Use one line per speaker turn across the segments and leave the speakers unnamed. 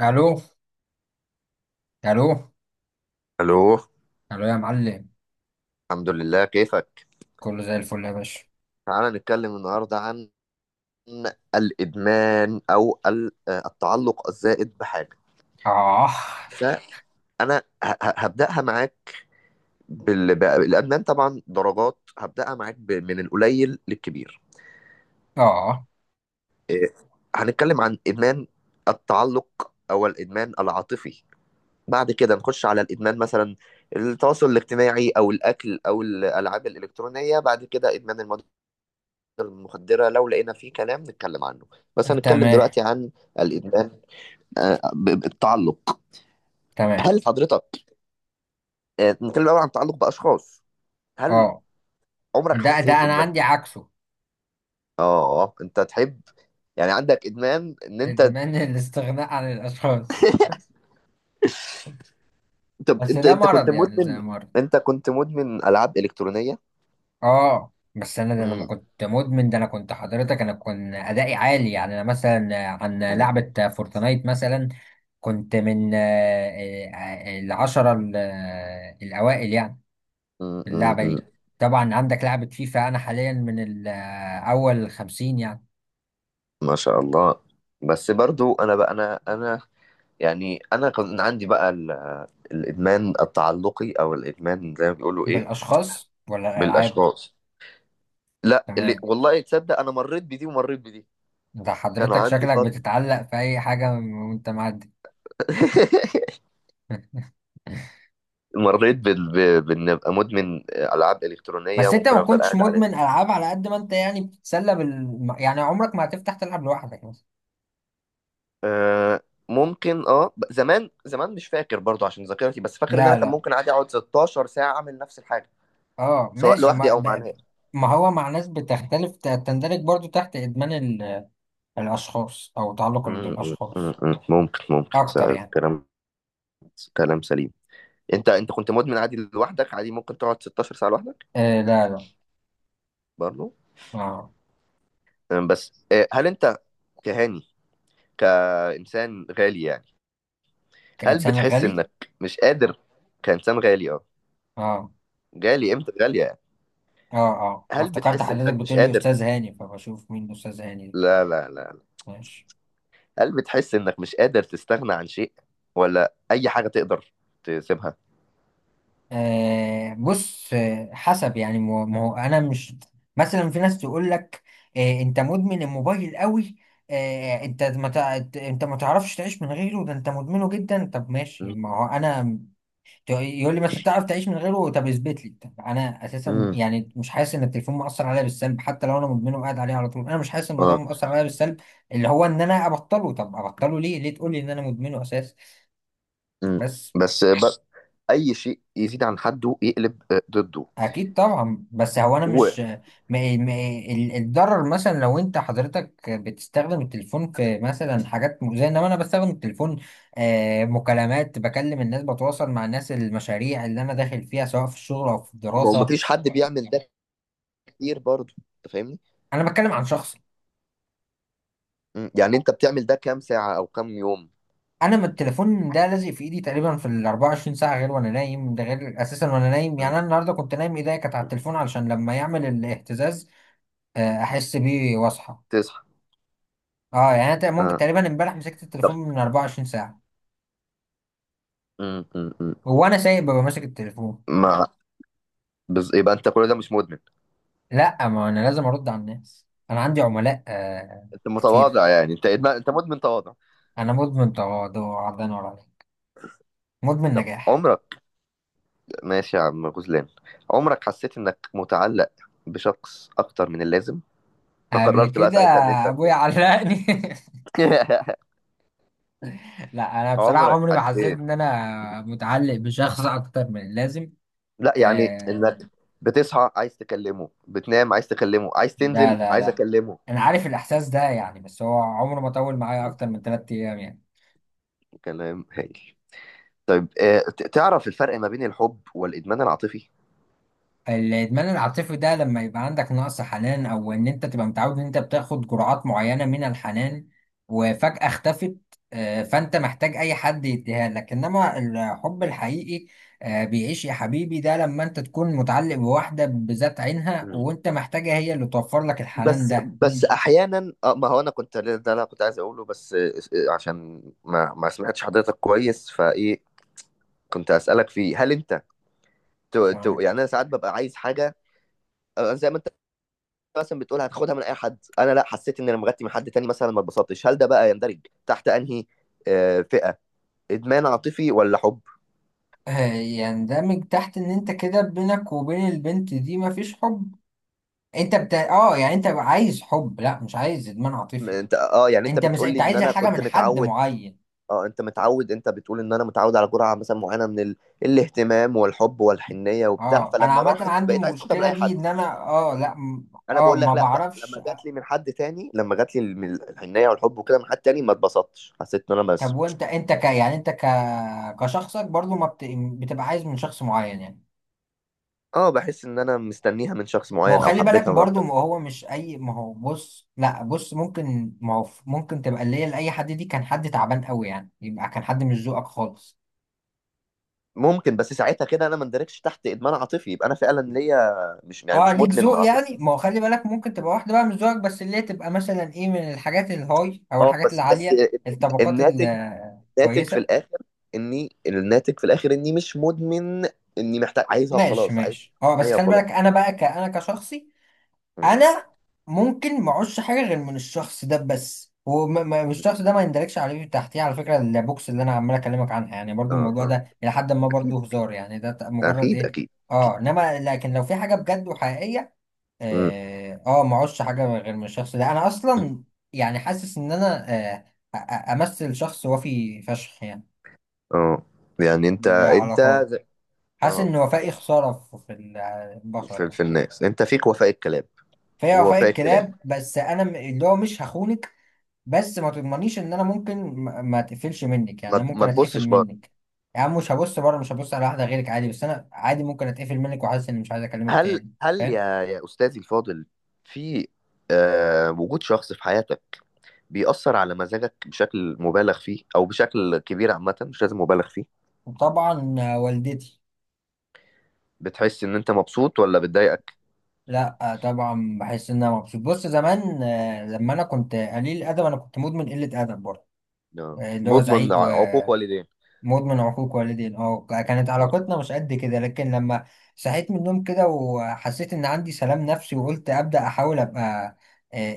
الو. الو.
الو.
الو يا معلم.
الحمد لله، كيفك؟
كله زي الفل يا باشا.
تعال نتكلم النهارده عن الادمان او التعلق الزائد بحاجه.
اه.
فانا هبداها معاك الادمان طبعا درجات، هبداها معاك من القليل للكبير.
اه.
إيه، هنتكلم عن ادمان التعلق او الادمان العاطفي، بعد كده نخش على الادمان مثلا التواصل الاجتماعي او الاكل او الالعاب الالكترونيه، بعد كده ادمان المواد المخدرة لو لقينا فيه كلام نتكلم عنه. بس هنتكلم
تمام.
دلوقتي عن الإدمان، التعلق.
تمام.
هل حضرتك آه، نتكلم الأول عن التعلق بأشخاص. هل
اه،
عمرك
ده
حسيت
انا عندي
إنك
عكسه.
أنت تحب؟ يعني عندك إدمان إن أنت؟
ادمان الاستغناء عن الاشخاص،
أنت
بس
أنت,
ده
انت كنت
مرض، يعني زي
مدمن؟
مرض.
أنت كنت مدمن ألعاب إلكترونية؟
اه، بس انا ده انا ما
مم.
كنت مدمن، ده انا كنت حضرتك، انا كنت ادائي عالي، يعني انا مثلا عن
مم.
لعبة فورتنايت مثلا كنت من آه، العشرة الاوائل يعني.
مم. مم.
اللعبة
مم.
دي طبعا عندك لعبة فيفا، أنا حاليا من أول خمسين يعني.
ما شاء الله. بس برضو أنا بقى أنا يعني أنا كان عندي بقى الإدمان التعلقي أو الإدمان زي ما بيقولوا إيه.
بالأشخاص ولا الألعاب؟
بالاشخاص. لا اللي
تمام.
والله تصدق انا مريت بدي ومريت بدي.
أنت
كان
حضرتك
عندي
شكلك
فتره
بتتعلق في أي حاجة وأنت معدي.
مريت بان ابقى مدمن العاب الكترونيه،
بس أنت
ممكن
ما
افضل
كنتش
قاعد عليها.
مدمن ألعاب، على قد ما أنت يعني بتتسلى بال، يعني عمرك ما هتفتح تلعب لوحدك مثلا.
أه. ممكن اه زمان زمان مش فاكر برضو عشان ذاكرتي، بس فاكر ان
لا،
انا كان
لا.
ممكن عادي اقعد 16 ساعه اعمل نفس الحاجه،
أه
سواء
ماشي
لوحدي
ما ب...
او مع
ب-
ناس.
ما هو مع ناس بتختلف، تندرج برضو تحت إدمان الأشخاص أو تعلق
م-
بالأشخاص
م. ممكن،
أكتر يعني.
كلام، كلام سليم. انت كنت مدمن عادي لوحدك؟ عادي ممكن تقعد 16 ساعه لوحدك
آه لا، لا.
برضو؟
أه.
بس هل انت كهاني كإنسان غالي يعني؟ هل
كإنسان
بتحس
غني.
إنك مش قادر كإنسان غالي
اه،
غالي قيمته غالية يعني؟
اه، اه أنا
هل
افتكرت
بتحس
حضرتك
إنك مش
بتقول لي
قادر
استاذ هاني، فبشوف مين استاذ هاني ده.
لا لا لا،
ماشي.
هل بتحس إنك مش قادر تستغنى عن شيء ولا أي حاجة تقدر تسيبها؟
آه بص، حسب يعني، ما هو انا مش. مثلا في ناس تقول لك آه انت مدمن الموبايل قوي، آه انت ما تعرفش تعيش من غيره، ده انت مدمنه جدا. طب ماشي،
مم.
ما هو انا يقول لي بس انت تعرف تعيش من غيره، طب اثبت لي. طب انا اساسا
مم.
يعني مش حاسس ان التليفون مؤثر عليا بالسلب، حتى لو انا مدمنه وقاعد عليه على طول، انا مش حاسس ان الموضوع
اه.
مؤثر عليا بالسلب، اللي هو ان انا ابطله. طب ابطله ليه؟ ليه تقول لي ان انا مدمنه اساسا؟
مم.
بس.
بس ب... أي شيء يزيد عن حده يقلب ضده.
اكيد طبعا، بس هو انا
وما
مش. ما الضرر مثلا لو انت حضرتك بتستخدم التليفون في مثلا حاجات مؤذيه، انما انا بستخدم التليفون مكالمات، بكلم الناس، بتواصل مع الناس، المشاريع اللي انا داخل فيها سواء في الشغل او في الدراسه.
فيش حد بيعمل ده كتير برضه، أنت فاهمني؟
انا بتكلم عن شخص.
مم. يعني أنت بتعمل ده كام ساعة أو كام يوم؟
انا ما التليفون ده لازق في ايدي تقريبا في ال 24 ساعه، غير وانا نايم. ده غير اساسا وانا نايم، يعني
مم.
انا النهارده كنت نايم ايديا كانت على التليفون، علشان لما يعمل الاهتزاز احس بيه واصحى.
تصحى.
اه يعني ممكن
اه.
تقريبا امبارح مسكت
طب
التليفون من 24 ساعه،
م.
وانا سايق ببقى ماسك التليفون.
ما بز... يبقى انت كل ده مش مدمن؟
لا، ما انا لازم ارد على الناس، انا عندي عملاء آه.
انت
كتير.
متواضع يعني، انت مدمن تواضع.
انا مدمن تواضع، عرضان ولا عليك؟ مدمن
طب
نجاح.
عمرك، ماشي يا عم غزلان، عمرك حسيت انك متعلق بشخص اكتر من اللازم،
قبل
فقررت بقى
كده
ساعتها ان انت؟
ابويا علقني. لا انا بصراحه
عمرك
عمري ما حسيت
حسيت،
ان انا متعلق بشخص اكتر من اللازم.
لا يعني، انك
آه.
بتصحى عايز تكلمه، بتنام عايز تكلمه، عايز
لا،
تنزل
لا،
عايز
لا.
اكلمه؟
انا عارف الاحساس ده يعني، بس هو عمره ما طول معايا
م.
اكتر من 3 ايام يعني.
كلام هايل. طيب تعرف الفرق ما بين الحب والادمان العاطفي؟
الادمان العاطفي ده لما يبقى عندك نقص حنان، او ان انت تبقى متعود ان انت بتاخد جرعات معينه من الحنان وفجاه اختفت، آه فانت محتاج اي حد يديها لك. انما الحب الحقيقي بيعيش يا حبيبي، ده لما انت تكون متعلق بواحدة بذات عينها وانت محتاجة هي اللي توفر لك الحنان
بس
ده.
بس احيانا، ما هو انا كنت، ده اللي انا كنت عايز اقوله، بس آه، آه، عشان ما ما سمعتش حضرتك كويس فايه كنت اسالك فيه. هل انت يعني
تمام.
انا ساعات ببقى عايز حاجه، زي ما انت مثلا بتقول هتاخدها من اي حد. انا لا، حسيت ان انا مغطي من حد تاني، مثلا ما اتبسطتش. هل ده بقى يندرج تحت انهي فئه، ادمان عاطفي ولا حب؟
يندمج تحت ان انت كده بينك وبين البنت دي مفيش حب، اه يعني انت عايز حب، لا مش عايز ادمان عاطفي.
انت اه يعني انت
انت مش
بتقول لي
انت
ان
عايز
انا
الحاجه
كنت
من حد
متعود.
معين.
اه انت متعود، انت بتقول ان انا متعود على جرعه مثلا معينه من الاهتمام والحب والحنيه وبتاع،
اه انا
فلما
عامه
راحت
عندي
بقيت عايز تاخدها من
المشكله
اي
دي،
حد.
ان انا اه لا م-
انا
اه
بقول
ما
لك لا بقى،
بعرفش.
لما جات لي من حد تاني، لما جات لي من الحنيه والحب وكده من حد تاني ما اتبسطتش، حسيت ان انا
طب
بس،
وانت انت ك يعني انت ك كشخصك برضو ما بت... بتبقى عايز من شخص معين يعني.
اه، بحس ان انا مستنيها من شخص
ما هو
معين او
خلي بالك
حبيتها من
برضو،
اكتر.
ما هو مش اي، ما هو بص، لا بص، ممكن، ما هو ممكن تبقى اللي هي لاي حد، دي كان حد تعبان قوي يعني، يبقى كان حد مش ذوقك خالص.
ممكن، بس ساعتها كده انا ما اندركش تحت ادمان عاطفي، يبقى انا فعلا ليا، مش يعني،
اه
مش
ليك
مدمن اه
ذوق
عاطفي.
يعني. ما هو خلي بالك ممكن تبقى واحده بقى مش ذوقك، بس اللي هي تبقى مثلا ايه، من الحاجات الهاي او
اه
الحاجات
بس بس،
العاليه، الطبقات
الناتج، ناتج في
الكويسه.
الاخر اني، الناتج في الاخر اني مش مدمن، اني محتاج، عايزها
ماشي،
وخلاص، عايز
ماشي. اه بس
حنيه
خلي
وخلاص.
بالك، انا بقى انا كشخصي
مم.
انا ممكن ما اعوزش حاجه غير من الشخص ده بس، والشخص ده ما يندركش عليه تحتيه. على فكره البوكس اللي انا عمال اكلمك عنها يعني برضو،
اه،
الموضوع
اه،
ده الى حد ما برضو هزار يعني، مجرد
اكيد،
ايه.
اكيد، اكيد.
اه انما لكن لو في حاجه بجد وحقيقيه،
مم.
اه ما اعوزش حاجه غير من الشخص ده، انا اصلا يعني حاسس ان انا امثل شخص وفي فشخ يعني.
اه يعني انت
العلاقات،
زي،
حاسس
اه
ان وفائي خساره في البشر
في،
يعني.
في الناس انت فيك وفاء الكلام،
فهي وفاء
ووفاء الكلام.
الكلاب، بس اللي هو مش هخونك، بس ما تضمنيش ان انا ممكن ما اتقفلش منك، يعني انا ممكن
ما
اتقفل
تبصش بره.
منك. يا عم مش هبص بره، مش هبص على واحده غيرك عادي، بس انا عادي ممكن اتقفل منك وحاسس اني مش عايز اكلمك
هل
تاني.
هل
فاهم.
يا يا استاذي الفاضل، في آه وجود شخص في حياتك بيأثر على مزاجك بشكل مبالغ فيه او بشكل كبير، عامة مش لازم مبالغ فيه،
وطبعا والدتي.
بتحس ان انت مبسوط ولا بتضايقك؟
لا طبعا بحس ان انا مبسوط. بص زمان لما انا كنت قليل الادب، انا كنت مدمن قله ادب برضه،
آه.
اللي هو
مضمن
زعيق.
عقوق والدين.
مدمن عقوق والدين، اه كانت
آه.
علاقتنا مش قد كده. لكن لما صحيت من النوم كده وحسيت ان عندي سلام نفسي وقلت ابدا احاول ابقى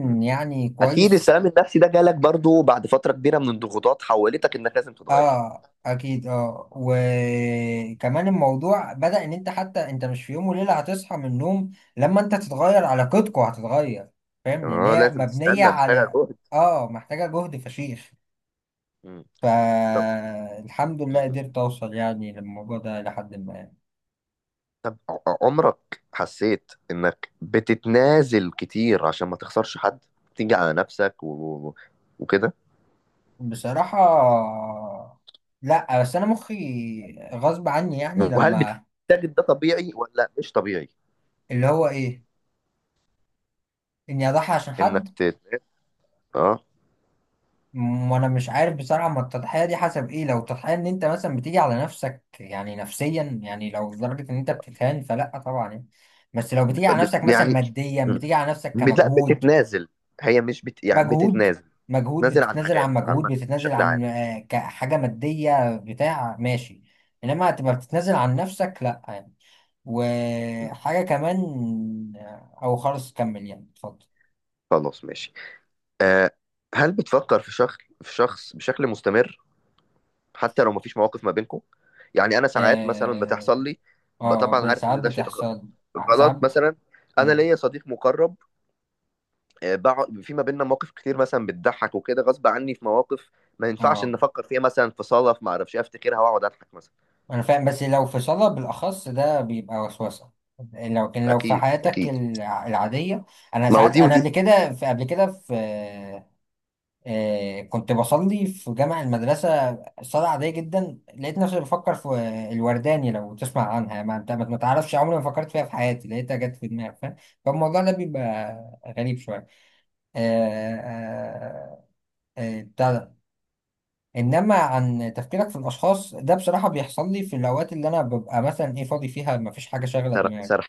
م.
يعني
اكيد
كويس.
السلام النفسي ده جالك برضو بعد فتره كبيره من الضغوطات حولتك انك لازم تتغير.
اه اكيد، اه وكمان الموضوع بدا ان انت حتى انت مش في يوم وليله هتصحى من النوم، لما انت تتغير علاقتكوا هتتغير، فاهم، لان
اه
هي
لازم
مبنيه
تستنى، محتاجه
على.
جهد.
اه محتاجه جهد فشيخ.
م. طب.
فالحمد لله
م.
قدرت اوصل يعني للموضوع ده لحد ما.
طب عمرك حسيت انك بتتنازل كتير عشان ما تخسرش حد، تيجي على نفسك و- وكده؟
بصراحة لا، بس انا مخي غصب عني يعني
وهل
لما.
بتجد ده طبيعي ولا مش طبيعي؟
اللي هو ايه، اني اضحي عشان
انك
حد.
اه.
وانا مش عارف بصراحة، ما التضحية دي حسب ايه، لو تضحية ان انت مثلا بتيجي على نفسك يعني نفسيا، يعني لو لدرجة ان انت بتتهان فلا طبعا يعني، بس لو بتيجي على نفسك مثلا
يعني.
ماديا، بتيجي على نفسك
م. لا
كمجهود.
بتتنازل، هي مش بت، يعني
مجهود،
بتتنازل،
مجهود،
نازل عن
بتتنازل عن
حاجات
مجهود،
عامة
بتتنازل
بشكل عام.
عن كحاجة مادية بتاع، ماشي، انما هتبقى بتتنازل عن نفسك، لا يعني.
م.
وحاجة كمان أو خلاص كمل يعني، اتفضل.
خلاص ماشي. آه، هل بتفكر في شخص، في شخص بشكل مستمر، حتى لو مفيش مواقف ما بينكم؟ يعني انا ساعات مثلا
آه.
بتحصل لي،
آه
طبعا عارف
ساعات
ان ده شيء
بتحصل. ساعات.
غلط مثلا، انا
مم،
ليا صديق مقرب، آه، بقعد في ما بيننا مواقف كتير مثلا بتضحك وكده، غصب عني في مواقف ما ينفعش ان
آه
افكر فيها، مثلا في صدف ما اعرفش إيه، افتكرها واقعد اضحك مثلا.
أنا فاهم، بس لو في صلاة بالأخص ده بيبقى وسوسة، لو كان لو في
اكيد
حياتك
اكيد.
العادية. أنا
ما هو
ساعات،
دي
أنا قبل
ودي.
كده، في قبل كده في كنت بصلي في جامع المدرسة، صلاة عادية جدا، لقيت نفسي بفكر في الورداني. لو تسمع عنها، ما انت ما تعرفش، عمري ما فكرت فيها في حياتي، لقيتها جت في دماغي، فاهم. فالموضوع ده بيبقى غريب شوية، آه، آه، بتاع ده. انما عن تفكيرك في الاشخاص ده، بصراحة بيحصل لي في الاوقات اللي انا ببقى مثلا ايه فاضي فيها، ما فيش حاجة شاغلة دماغي،
سر-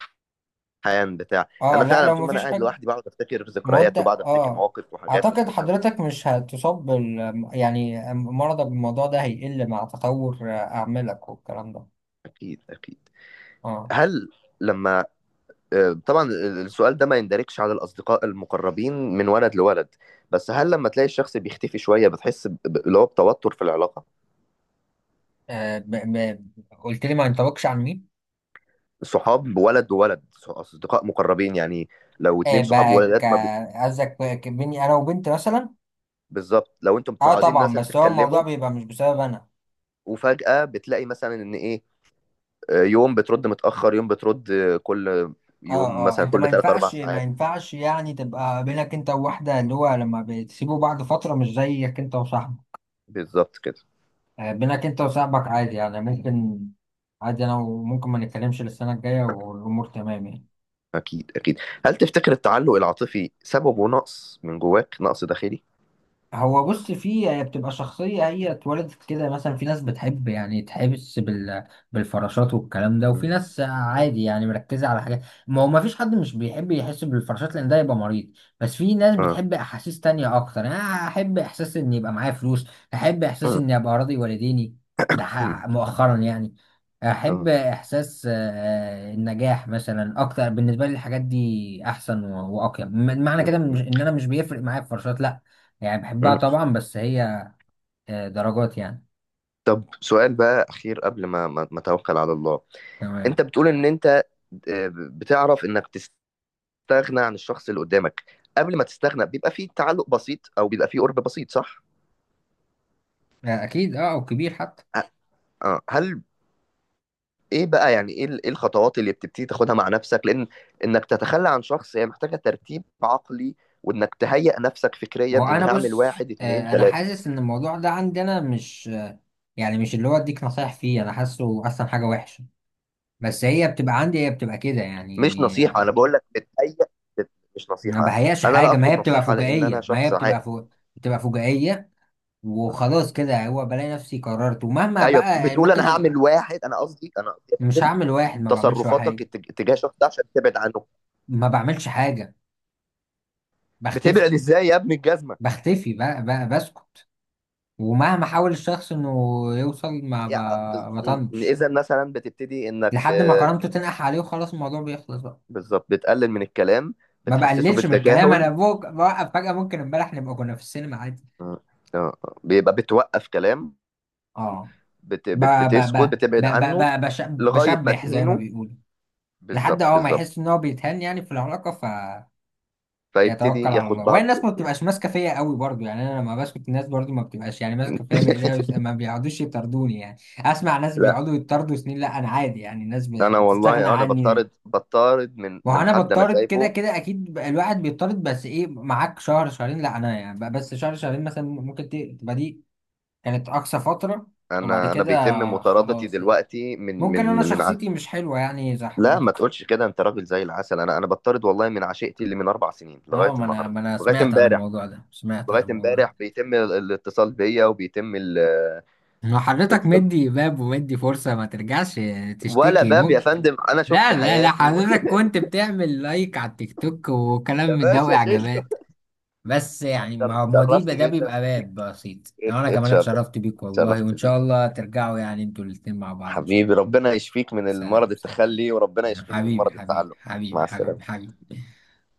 حيان بتاع،
اه
انا
لا
فعلا
لو
طول
ما
ما انا
فيش
قاعد
حاجة.
لوحدي بقعد افتكر
ما هو انت
ذكريات وبقعد افتكر
اه
مواقف وحاجات
اعتقد
مضحكه.
حضرتك مش هتصاب بال، يعني مرضك بالموضوع ده هيقل مع تطور اعمالك والكلام ده.
اكيد اكيد.
اه.
هل لما، آه، طبعا السؤال ده ما يندرجش على الاصدقاء المقربين من ولد لولد، بس هل لما تلاقي الشخص بيختفي شويه بتحس اللي هو بتوتر في العلاقه؟
آه، ب... ب... قلت لي ما ينطبقش عن مين؟
صحاب ولد وولد، اصدقاء مقربين يعني، لو
آه
اتنين صحاب
بقى ك...
ولدات ما بي...
قصدك بقى بيني انا وبنت مثلا.
بالظبط. لو انتم
اه
متعودين
طبعا،
مثلا
بس هو الموضوع
تتكلموا،
بيبقى مش بسبب انا.
وفجاه بتلاقي مثلا ان ايه، يوم بترد متأخر، يوم بترد كل يوم
اه، اه
مثلا
انت ما
كل 3 4
ينفعش، ما
ساعات.
ينفعش يعني تبقى بينك انت وواحدة، اللي هو لما بتسيبوا بعض فترة مش زيك انت وصاحبك،
بالظبط كده.
بينك انت وصاحبك عادي يعني ممكن، عادي انا وممكن ما نتكلمش للسنة الجاية والامور تمام يعني.
اكيد اكيد. هل تفتكر التعلق العاطفي سببه نقص من جواك، نقص داخلي؟
هو بص، في هي بتبقى شخصية، هي اتولدت كده، مثلا في ناس بتحب يعني تحبس بالفراشات والكلام ده، وفي
مم.
ناس عادي يعني مركزة على حاجات. ما هو ما فيش حد مش بيحب يحس بالفراشات، لأن ده يبقى مريض، بس في ناس
اه.
بتحب أحاسيس تانية أكتر، يعني أنا أحب إحساس إن يبقى معايا فلوس، أحب إحساس
مم.
إني أبقى راضي والديني.
مم.
مؤخرا يعني. أحب
اه.
إحساس النجاح مثلا أكتر، بالنسبة لي الحاجات دي أحسن وأقيم معنى
مم.
كده.
مم.
إن أنا مش بيفرق معايا الفراشات لا، يعني بحبها
مم.
طبعا، بس هي درجات يعني.
طب سؤال بقى اخير قبل ما اتوكل على الله.
تمام.
انت بتقول ان انت، آه، بتعرف انك تستغنى عن الشخص اللي قدامك. قبل ما تستغنى بيبقى فيه تعلق بسيط او بيبقى فيه قرب بسيط، صح؟
اكيد، اه او كبير حتى.
ه- اه هل ايه بقى، يعني ايه إيه الخطوات اللي بتبتدي تاخدها مع نفسك؟ لان انك تتخلى عن شخص هي محتاجة ترتيب عقلي، وانك تهيئ نفسك فكريا
ما هو انا
اني هعمل
بص،
واحد اتنين
انا
تلاتة.
حاسس ان الموضوع ده عندي انا مش يعني مش اللي هو اديك نصايح فيه، انا حاسه اصلا حاجه وحشه، بس هي بتبقى عندي، هي بتبقى كده
مش
يعني
نصيحة، انا بقول لك بتهيئ، مش
ما
نصيحة،
بهياش
انا لا
حاجه، ما
اطلب
هي بتبقى
نصيحة لان انا
فجائيه، ما هي
شخص
بتبقى
عاقل.
فوق، بتبقى فجائيه وخلاص كده، هو بلاقي نفسي قررت، ومهما
ايوه،
بقى يعني
بتقول
ممكن
انا هعمل
يبقى.
واحد، انا قصدي انا قصدي يا
مش
فندم،
هعمل واحد، ما بعملش
تصرفاتك
واحد،
اتجاه الشخص ده عشان تبعد عنه.
ما بعملش حاجه.
بتبعد
بختفي.
ازاي يا ابن الجزمة؟
بختفي بقى، بقى بسكت، ومهما حاول الشخص انه يوصل ما
يعني،
ب- بطنش،
اذا مثلا بتبتدي انك
لحد ما كرامته تنقح عليه وخلاص الموضوع بيخلص بقى.
بالظبط، بتقلل من الكلام،
ما
بتحسسه
بقللش من الكلام،
بالتجاهل.
بوقف فجأة، ممكن امبارح نبقى كنا في السينما عادي.
مم. آه. بيبقى بتوقف كلام.
اه. ب ب ب
بتسكت، بتبعد عنه، لغاية ما
بشبح زي ما
تهينه،
بيقولوا، لحد
بالظبط
اه ما
بالظبط،
يحس ان هو بيتهان يعني في العلاقة، فيتوكل
فيبتدي
على
ياخد
الله. وهي
بعضه
الناس ما بتبقاش
ويمشي.
ماسكة فيا قوي برضو يعني، انا لما بسكت الناس برضو ما بتبقاش يعني ماسكة فيا بايديها، ما بيقعدوش يطردوني، يعني اسمع ناس
لا
بيقعدوا يطردوا سنين، لا انا عادي يعني الناس
انا
بتستغنى
والله انا
عني.
بطارد، بطارد
ما هو
من
انا
حد انا
بضطرد كده
سايبه.
كده اكيد، الواحد بيضطرد، بس ايه معاك شهر، شهرين لا، انا يعني بس شهر شهرين مثلا، ممكن تبقى دي كانت اقصى فترة، وبعد
انا
كده
بيتم مطاردتي
خلاص يعني.
دلوقتي
ممكن انا شخصيتي مش حلوة يعني زي
لا ما
حضرتك.
تقولش كده، انت راجل زي العسل. انا بطارد والله من عشيقتي، اللي من اربع سنين لغايه
اه، ما انا،
النهارده
ما انا
لغايه
سمعت عن
امبارح،
الموضوع ده، سمعت عن
لغايه
الموضوع ده.
امبارح بيتم الاتصال بيا وبيتم
ما حضرتك
الاتصال،
مدي باب، ومدي فرصة ما ترجعش
ولا
تشتكي،
باب يا
ممكن.
فندم، انا شفت
لا لا لا،
حياتي.
حضرتك كنت بتعمل لايك على التيك توك وكلام
يا
من ده
باشا شيله.
واعجابات، بس
انا
يعني ما، ما دي،
تشرفت
ده
جدا
بيبقى
بيك.
باب بسيط. انا كمان
اتشرف،
اتشرفت بيك والله،
تشرفت
وان شاء
بيك
الله ترجعوا يعني انتوا الاتنين مع بعض ان شاء الله.
حبيبي. ربنا يشفيك من المرض
سلام، سلام.
التخلي، وربنا يشفيني من
حبيبي،
مرض
حبيبي،
التعلق. مع
حبيبي،
السلامة.
حبيبي، حبيبي.